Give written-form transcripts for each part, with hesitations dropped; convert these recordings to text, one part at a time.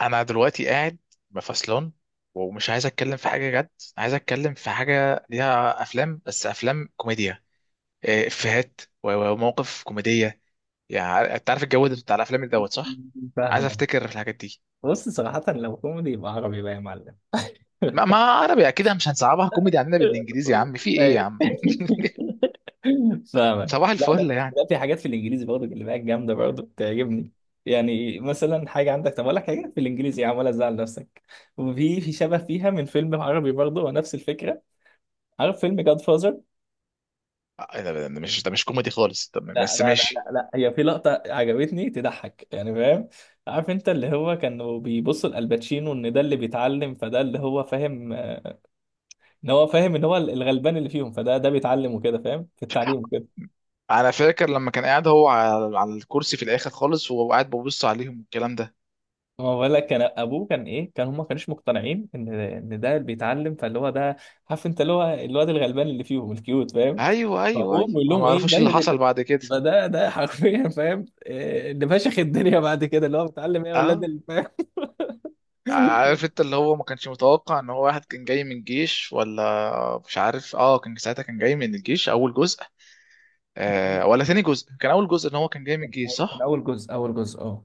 انا دلوقتي قاعد مفصلان ومش عايز اتكلم في حاجه جد. عايز اتكلم في حاجه ليها افلام، بس افلام كوميديا. إيه، افيهات ومواقف كوميديه. يعني انت عارف الجو ده بتاع الافلام اللي دوت، صح؟ عايز فاهمة. افتكر في الحاجات دي. بص صراحة لو كوميدي يبقى عربي بقى يا معلم. ما عربي اكيد مش هنصعبها، كوميدي عندنا بالانجليزي يا عم، في ايه يا أيوة. عم؟ فاهمك. صباح لا لا الفل يعني. لا، في حاجات في الانجليزي برضه اللي بقى جامده برضه بتعجبني. يعني مثلا حاجه عندك، طب اقول لك حاجه في الانجليزي يا عم ولا تزعل نفسك. وفي شبه فيها من فيلم عربي برضه ونفس الفكره. عارف فيلم جاد فازر؟ آه، إيه ده؟ ده مش كوميدي خالص، طب لا بس لا لا ماشي. لا لا، هي في لقطه عجبتني تضحك يعني، فاهم؟ عارف انت اللي هو كانوا بيبصوا لالباتشينو ان ده اللي بيتعلم، فده اللي هو فاهم ان هو فاهم ان هو الغلبان اللي فيهم، فده ده بيتعلم وكده، فاهم في التعليم وكده. انا فاكر لما كان قاعد هو على الكرسي في الاخر خالص، وهو قاعد ببص عليهم والكلام ده. ما هو بقول لك كان ابوه كان ايه، كان هم ما كانوش مقتنعين ان ده اللي بيتعلم، فاللي هو ده، عارف انت اللي هو الواد الغلبان اللي فيهم الكيوت، فاهم؟ ايوه، ايوه، فابوه ايوه، بيقول ما لهم ايه ده معرفوش اللي حصل بعد كده. فده ده حرفيا، فاهم إيه اللي فشخ الدنيا بعد كده، اللي هو بيتعلم ايه يا ولاد اه، اللي، فاهم؟ عارف انت اللي هو ما كانش متوقع ان هو واحد كان جاي من الجيش؟ ولا مش عارف، اه، كان ساعتها كان جاي من الجيش، اول جزء. آه، ولا ثاني جزء؟ كان اول جزء ان هو كان جاي من الجيش، كان صح. اول جزء، اه.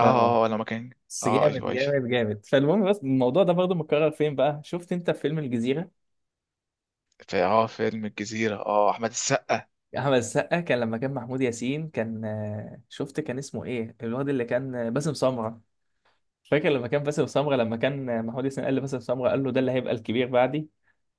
ف لما كان. اه جامد ايوه، ايوه. جامد جامد. فالمهم، بس الموضوع ده برضه متكرر فين بقى، شفت انت في فيلم الجزيرة؟ في اه فيلم الجزيرة، اه احمد السقا. احمد السقا، كان لما كان محمود ياسين كان شفت كان اسمه ايه الواد اللي كان باسم سمرة. فاكر لما كان باسم سمرة لما كان محمود ياسين قال لباسم سمرة، قال له ده اللي هيبقى الكبير بعدي.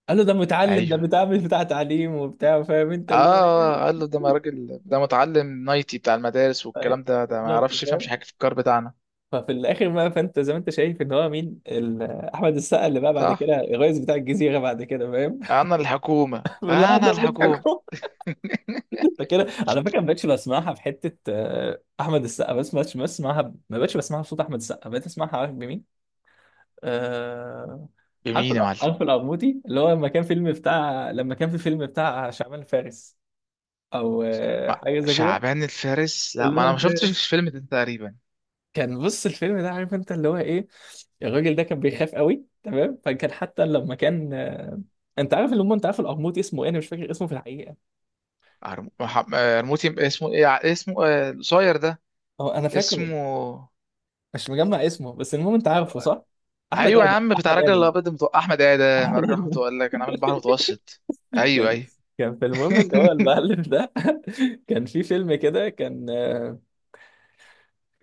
قال له ده متعلم، ده ايوه. بتاع، مش بتاع تعليم وبتاع، فاهم انت اللي هو اه، قال ايه؟ له ده ما راجل ده متعلم، نايتي بتاع المدارس طيب، والكلام ده، ده ما بالظبط، يعرفش يفهمش فاهم. حاجة في الكار بتاعنا. ففي الاخر بقى، فانت زي ما انت شايف ان هو مين، احمد السقا اللي بقى بعد صح. كده الرئيس بتاع الجزيرة بعد كده، فاهم؟ انا الحكومة، لا انا ده مش الحكومة. حكومة. كده على فكره ما بقتش بسمعها في حته احمد السقا، بس ما بقتش بسمعها، ما بقتش بسمعها بصوت احمد السقا، بقيت اسمعها عارف بمين؟ آه، عارف بمين يا معلم؟ عارف القرموطي اللي هو لما كان فيلم بتاع، لما كان في فيلم بتاع شعبان فارس او ما حاجه زي كده. شعبان الفارس، لا اللي ما انا هو ما شفتش في- الفيلم ده تقريبا. كان بص الفيلم ده، عارف انت اللي هو ايه، الراجل ده كان بيخاف قوي تمام. فكان حتى لما كان انت عارف اللي هم، انت عارف القرموطي اسمه ايه؟ انا مش فاكر اسمه في الحقيقه. آه، رموتي اسمه ايه؟ اسمه، آه، القصير ده هو انا فاكره، اسمه. مش مجمع اسمه، بس المهم انت عارفه صح؟ احمد ايوه يا ادم، عم، بتاع احمد الراجل ادم. الابيض احمد ادم، على الراجل احمد الم- قال لك انا عامل بحر متوسط. ايوه، كان ايوه. كان في المهم ان هو المعلم ده. كان في فيلم كده كان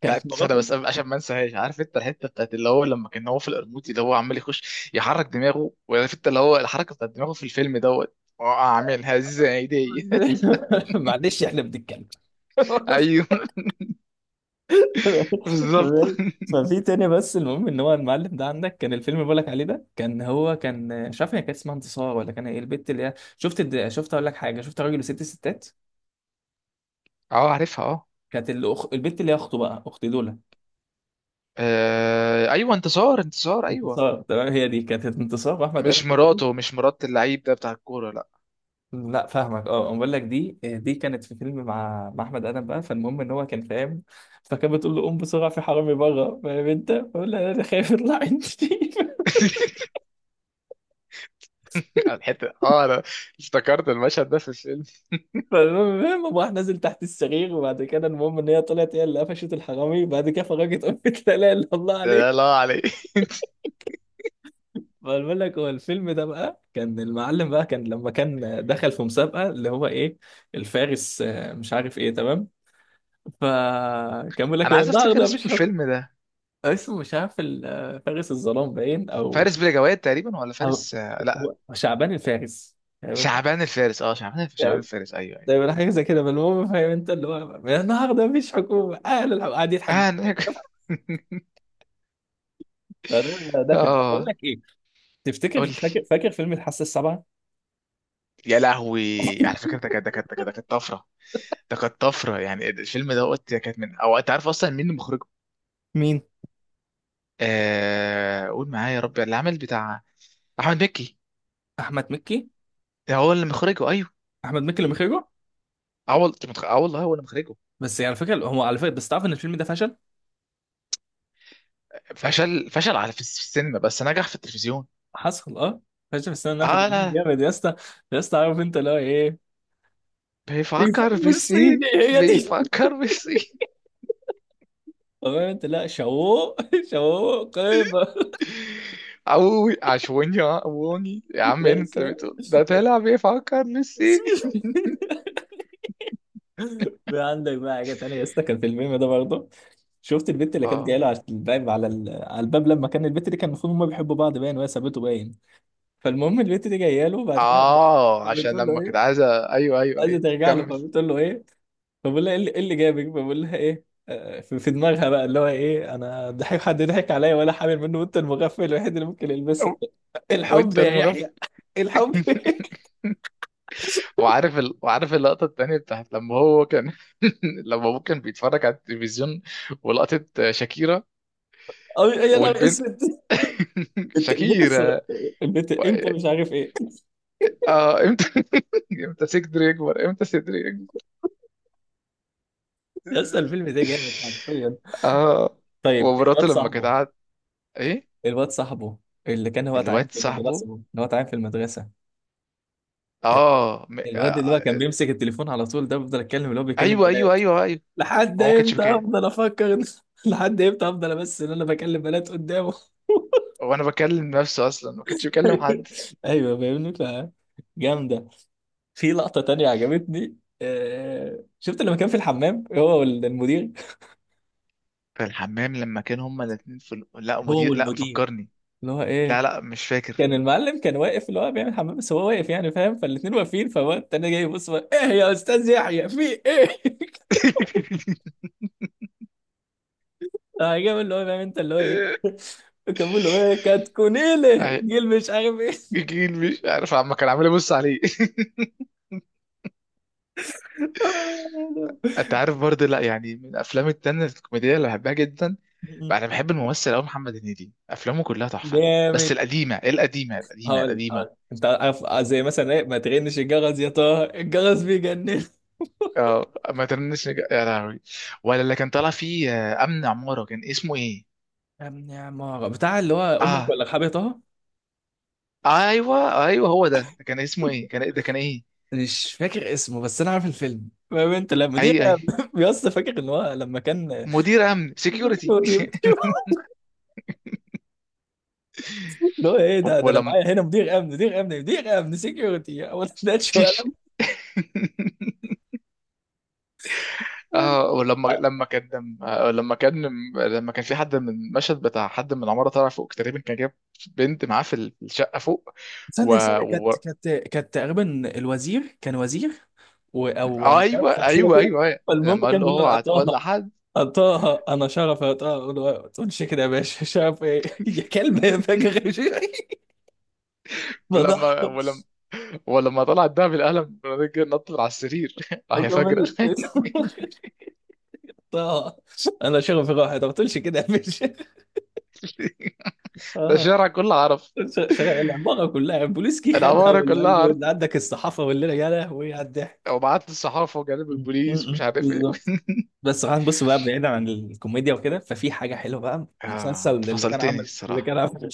كان بتاعت سنه مراته. بس قبل- عشان ما انساهاش، عارف انت الحته بتاعت اللي هو لما كان هو في القرموطي، اللي هو عمال يخش يحرك دماغه، وعارف انت اللي هو الحركه بتاعت دماغه في الفيلم دوت، اه اعملها ازاي دي. معلش احنا بنتكلم. ايوه. بالظبط. تمام؟ ففي تاني، بس المهم ان هو المعلم ده عندك، كان الفيلم اللي بقولك عليه ده كان هو كان مش عارف، هي كانت اسمها انتصار ولا كان ايه البت اللي هي، شفت شفت اقول لك حاجه، شفت راجل وست ستات؟ اه عارفها اه. كانت البت اللي هي اخته بقى، اخت دولا. آه، ايوه، انتصار ايوه. انتصار، تمام، هي دي كانت انتصار، واحمد قال. مش مراته؟ مش مرات اللعيب ده بتاع الكوره؟ لا. لا فاهمك، اه أنا بقول لك دي دي كانت في فيلم مع احمد ادم بقى. فالمهم ان هو كان فاهم، فكانت بتقول له قوم بسرعه في حرامي بره، فاهم انت، فقول لها انا خايف يطلع عندي. الحته، اه انا افتكرت المشهد ده في الفيلم. فالمهم قام راح نازل تحت السرير، وبعد كده المهم ان هي طلعت هي اللي قفشت الحرامي، وبعد كده فرجت قمت لا اله الا الله ده، لا عليه. لا عليه. فبقول لك هو الفيلم ده بقى، كان المعلم بقى كان لما كان دخل في مسابقه اللي هو ايه، الفارس مش عارف ايه، تمام؟ فكان بيقول لك انا من عايز افتكر النهارده اسم مفيش حكم. الفيلم ده. اسمه مش عارف، فارس الظلام باين، او فارس بلا جواد تقريبا، ولا أو، فارس، آه، لا. هو شعبان الفارس، فاهم انت؟ شعبان الفارس، اه شعبان فاهم؟ الفارس، ايوه، ايوه. دايما حاجه زي كده. فالمهم، فاهم انت اللي هو النهارده مفيش حكومه، اهل الحكومه قاعد يضحك اه ضحك أنا- كده. فده ده فيلم. طب بقول اه. لك ايه، تفتكر قول لي. فاكر، فاكر فيلم الحاسه السابعه؟ يا لهوي على فكره، ده كانت طفره. ده كانت طفره يعني الفيلم ده، قلت ده كانت من، او انت عارف اصلا مين اللي مخرجه؟ مين؟ آه، قول معايا يا ربي اللي عامل بتاع. احمد مكي. احمد مكي. ده هو اللي مخرجه، ايوه. احمد مكي اللي مخرجه. اه والله، اه والله هو اللي مخرجه. بس يعني على فكره هو، على فكره بس، تعرف ان الفيلم ده فشل؟ فشل، فشل على في السينما، بس نجح في التلفزيون. حصل اه. فشل في السنه اللي فاتت اه لا. جامد يا اسطى. يا اسطى عارف انت اللي هو ايه، بيفكر الفيلم بالسين. الصيني هي دي. بيفكر بالسين. قمت لا شو شو قيمة. اوي عشوني، عشوني، عووني يا عم، إيه يا اللي انت سلام بتقول يا ده، سلام. طلع بيفكر بالسين. في عندك بقى حاجة تانية يا اسطى، كان في الميم ده برضه. شفت البت اللي كانت جايه اه، له على الباب، على على الباب، لما كان البت دي كان المفروض هما بيحبوا بعض باين وهي سابته باين. فالمهم البت دي جايه له بعد كده، اه عشان فبتقول له لما كنت ايه، عايزه. ايوه، ايوه، عايزه ايوه، ترجع له، كمل. فبتقول له ايه، فبقول لها ايه اللي، إيه اللي جابك، فبقول لها ايه في دماغها بقى اللي هو ايه، انا ضحك حد ضحك عليا ولا حامل منه، وانت المغفل الوحيد اللي ممكن يلبسها. أو- الحب وانت يا يحيى، المغفل. الحب. وعارف وعارف اللقطة التانية بتاعت لما هو كان، لما هو كان بيتفرج على التلفزيون ولقطة شاكيرا أو يا نهار والبنت. اسود. انت البيت الصغ... شاكيرا. البيت و... انت مش عارف ايه. آه، امتى، امتى صدري يكبر، امتى صدري يكبر. لسه الفيلم ده جامد حرفيا. اه، طيب ومراته الواد لما كانت صاحبه، قاعد، ايه. الواد صاحبه اللي كان هو تعبان الواد في المدرسه، صاحبه. اللي هو تعبان في المدرسه، ال- الواد آه، اللي هو كان بيمسك التليفون على طول ده، بفضل اتكلم اللي هو بيكلم ايوه، ايوه بنات. ايوه ايوه لحد هو ما كانش امتى بكام، افضل افكر لحد امتى افضل بس ان انا بكلم بنات قدامه. هو انا بكلم نفسه اصلا، ما كانش بكلم حد. ايوه فاهمني. ف جامده. في لقطه تانية عجبتني، شفت لما كان في الحمام هو والمدير، في الحمام لما كان هما الاتنين في لا هو مدير، لا، والمدير مفكرني، اللي هو لا ايه، لا، مش فاكر. كان المعلم كان واقف اللي هو بيعمل حمام بس هو واقف يعني، فاهم؟ فالاتنين واقفين، فهو التاني جاي يبص بقى، ايه يا استاذ يحيى، في ايه؟ فجاب اللي هو، فاهم انت اللي هو ايه، كان بيقول له ايه كاتكونيله أهي، جيل مش عارف ايه. جيل مش عارف، عم كان عامل يبص عليه. انت عارف برضه، لا يعني، من الافلام التانية الكوميديه اللي بحبها جدا بقى، انا بحب الممثل قوي محمد هنيدي، افلامه كلها تحفه. بس جامد. القديمه، إيه القديمه هقول، القديمه. هقول انت عارف زي مثلا ايه، ما تغنش الجرس يا طه الجرس بيجنن. اه ما يا لهوي. ولا اللي كان طالع فيه، آه، امن عماره كان اسمه ايه؟ يا ابني يا عمارة بتاع اللي هو امك اه، ولا رحاب يا طه. ايوه، ايوه، هو ده كان اسمه ايه؟ كان إيه؟ ده كان ايه؟ مش فاكر اسمه بس انا عارف الفيلم، فاهم انت لما دي. اي، اي. بيص فاكر ان هو لما كان مدير امن سكيورتي. سكيورتي. اللي هو ايه. ده ده انا ولما، معايا هنا مدير امن، مدير امن، مدير امن سكيورتي، هو ما تبداش تيش. ولا. اه ولما، لما كان، آه، لما كان. لما كان في حد من المشهد بتاع حد من العماره طالع فوق تقريبا، كان جاب بنت معاه في في الشقه فوق. و... ثانية ثانية كانت و... كانت كانت تقريبا الوزير، كان وزير و او آه، مش عارف، ايوه، شخصية ايوه كده. ايوه أيوة. فالمهم لما قال كان له بيقول لها اوعى طه، تقول لحد. طه انا شرف يا طه، أقول له ما تقولش كده يا باشا، شرف ايه؟ يا كلب يا فجر. يا شيخ. فضحك. ولما ولما طلعت ده بالقلم، الراجل نط من على السرير، اه يا فجره. أكمل. طه انا شرف راحت، ما تقولش كده يا باشا. ده آه. الشارع كله عرف. شغال العباره كلها بوليسكي خدها، العماره واللي كلها قال له عرف، اللي عندك الصحافه والليله، يا لهوي على الضحك. وبعت للصحافه وجانب البوليس ومش عارف ايه. بالظبط. بس خلينا نبص بقى بعيدا عن الكوميديا وكده، ففي حاجه حلوه بقى، اه مسلسل انت اللي كان فصلتني عمل، الصراحه.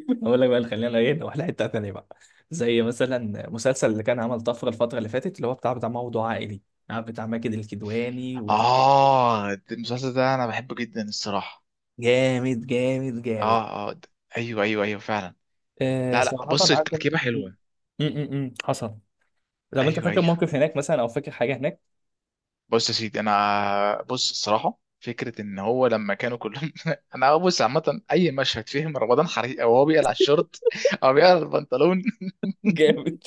اقول لك بقى، اللي خلينا ايه نروح لحته ثانيه بقى، زي مثلا مسلسل اللي كان عمل طفره الفتره اللي فاتت، اللي هو بتاع موضوع عائلي، عارف بتاع ماجد الكدواني، وطب اه المسلسل ده انا بحبه جدا الصراحه. جامد جامد جامد. اه، اه، ايوه، ايوه فعلا. آه لا لا، صراحه بص عارف م التركيبه حلوه. حصل. طب انت ايوه، فاكر ايوه. موقف هناك مثلا، او فاكر حاجه هناك؟ بص يا سيدي، انا بص الصراحه فكره ان هو لما كانوا كلهم، انا بص عامه، اي مشهد فيه رمضان حريق، او هو بيقلع الشورت او بيقلع البنطلون. جامد.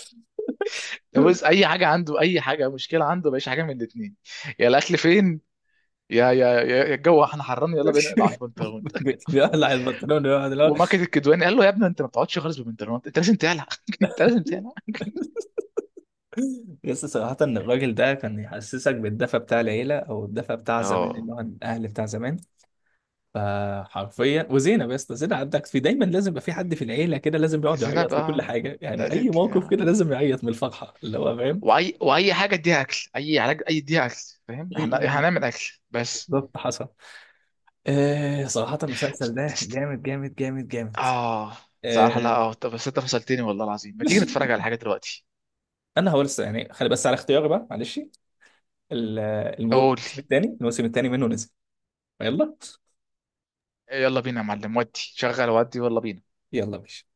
بص اي حاجه عنده، اي حاجه، مشكله عنده مفيش حاجه من الاثنين. يا الاكل فين، يا يا الجو احنا حران، يلا بينا نقلع البنطلون. بيقلع البنطلون ويقعد اللي هو. وماكد الكدواني قال له يا ابني انت ما بتقعدش خالص بالبنطلون، انت لازم تقلع، انت لازم تقلع. بس صراحه ان الراجل ده كان يحسسك بالدفى بتاع العيله، او الدفى بتاع زمان، اه. اللي هو الاهل بتاع زمان. فحرفيا، وزينب يا اسطى، زينب عندك في دايما لازم يبقى في حد في العيله كده لازم يقعد زينب يعيط من كل بقى، حاجه، يعني اي أذيت. موقف كده لازم يعيط من الفرحه، اللي هو فاهم. واي حاجه، اديها اكل، اي علاج، اي اديها اكل. فاهم م- احنا، م- إحنا م. هنعمل اكل بس. بالظبط، حصل. آه صراحه المسلسل ده جامد جامد جامد جامد. اه صراحه، لا آه. اه، طب بس انت فصلتني والله العظيم، ما تيجي نتفرج على حاجه دلوقتي؟ انا هقول يعني خلي بس على اختياري بقى معلش، ال- قول. الموسم الثاني، منه نزل. يلا. يلا بينا يا معلم، ودي شغل، ودي يلا بينا. يلا ماشي.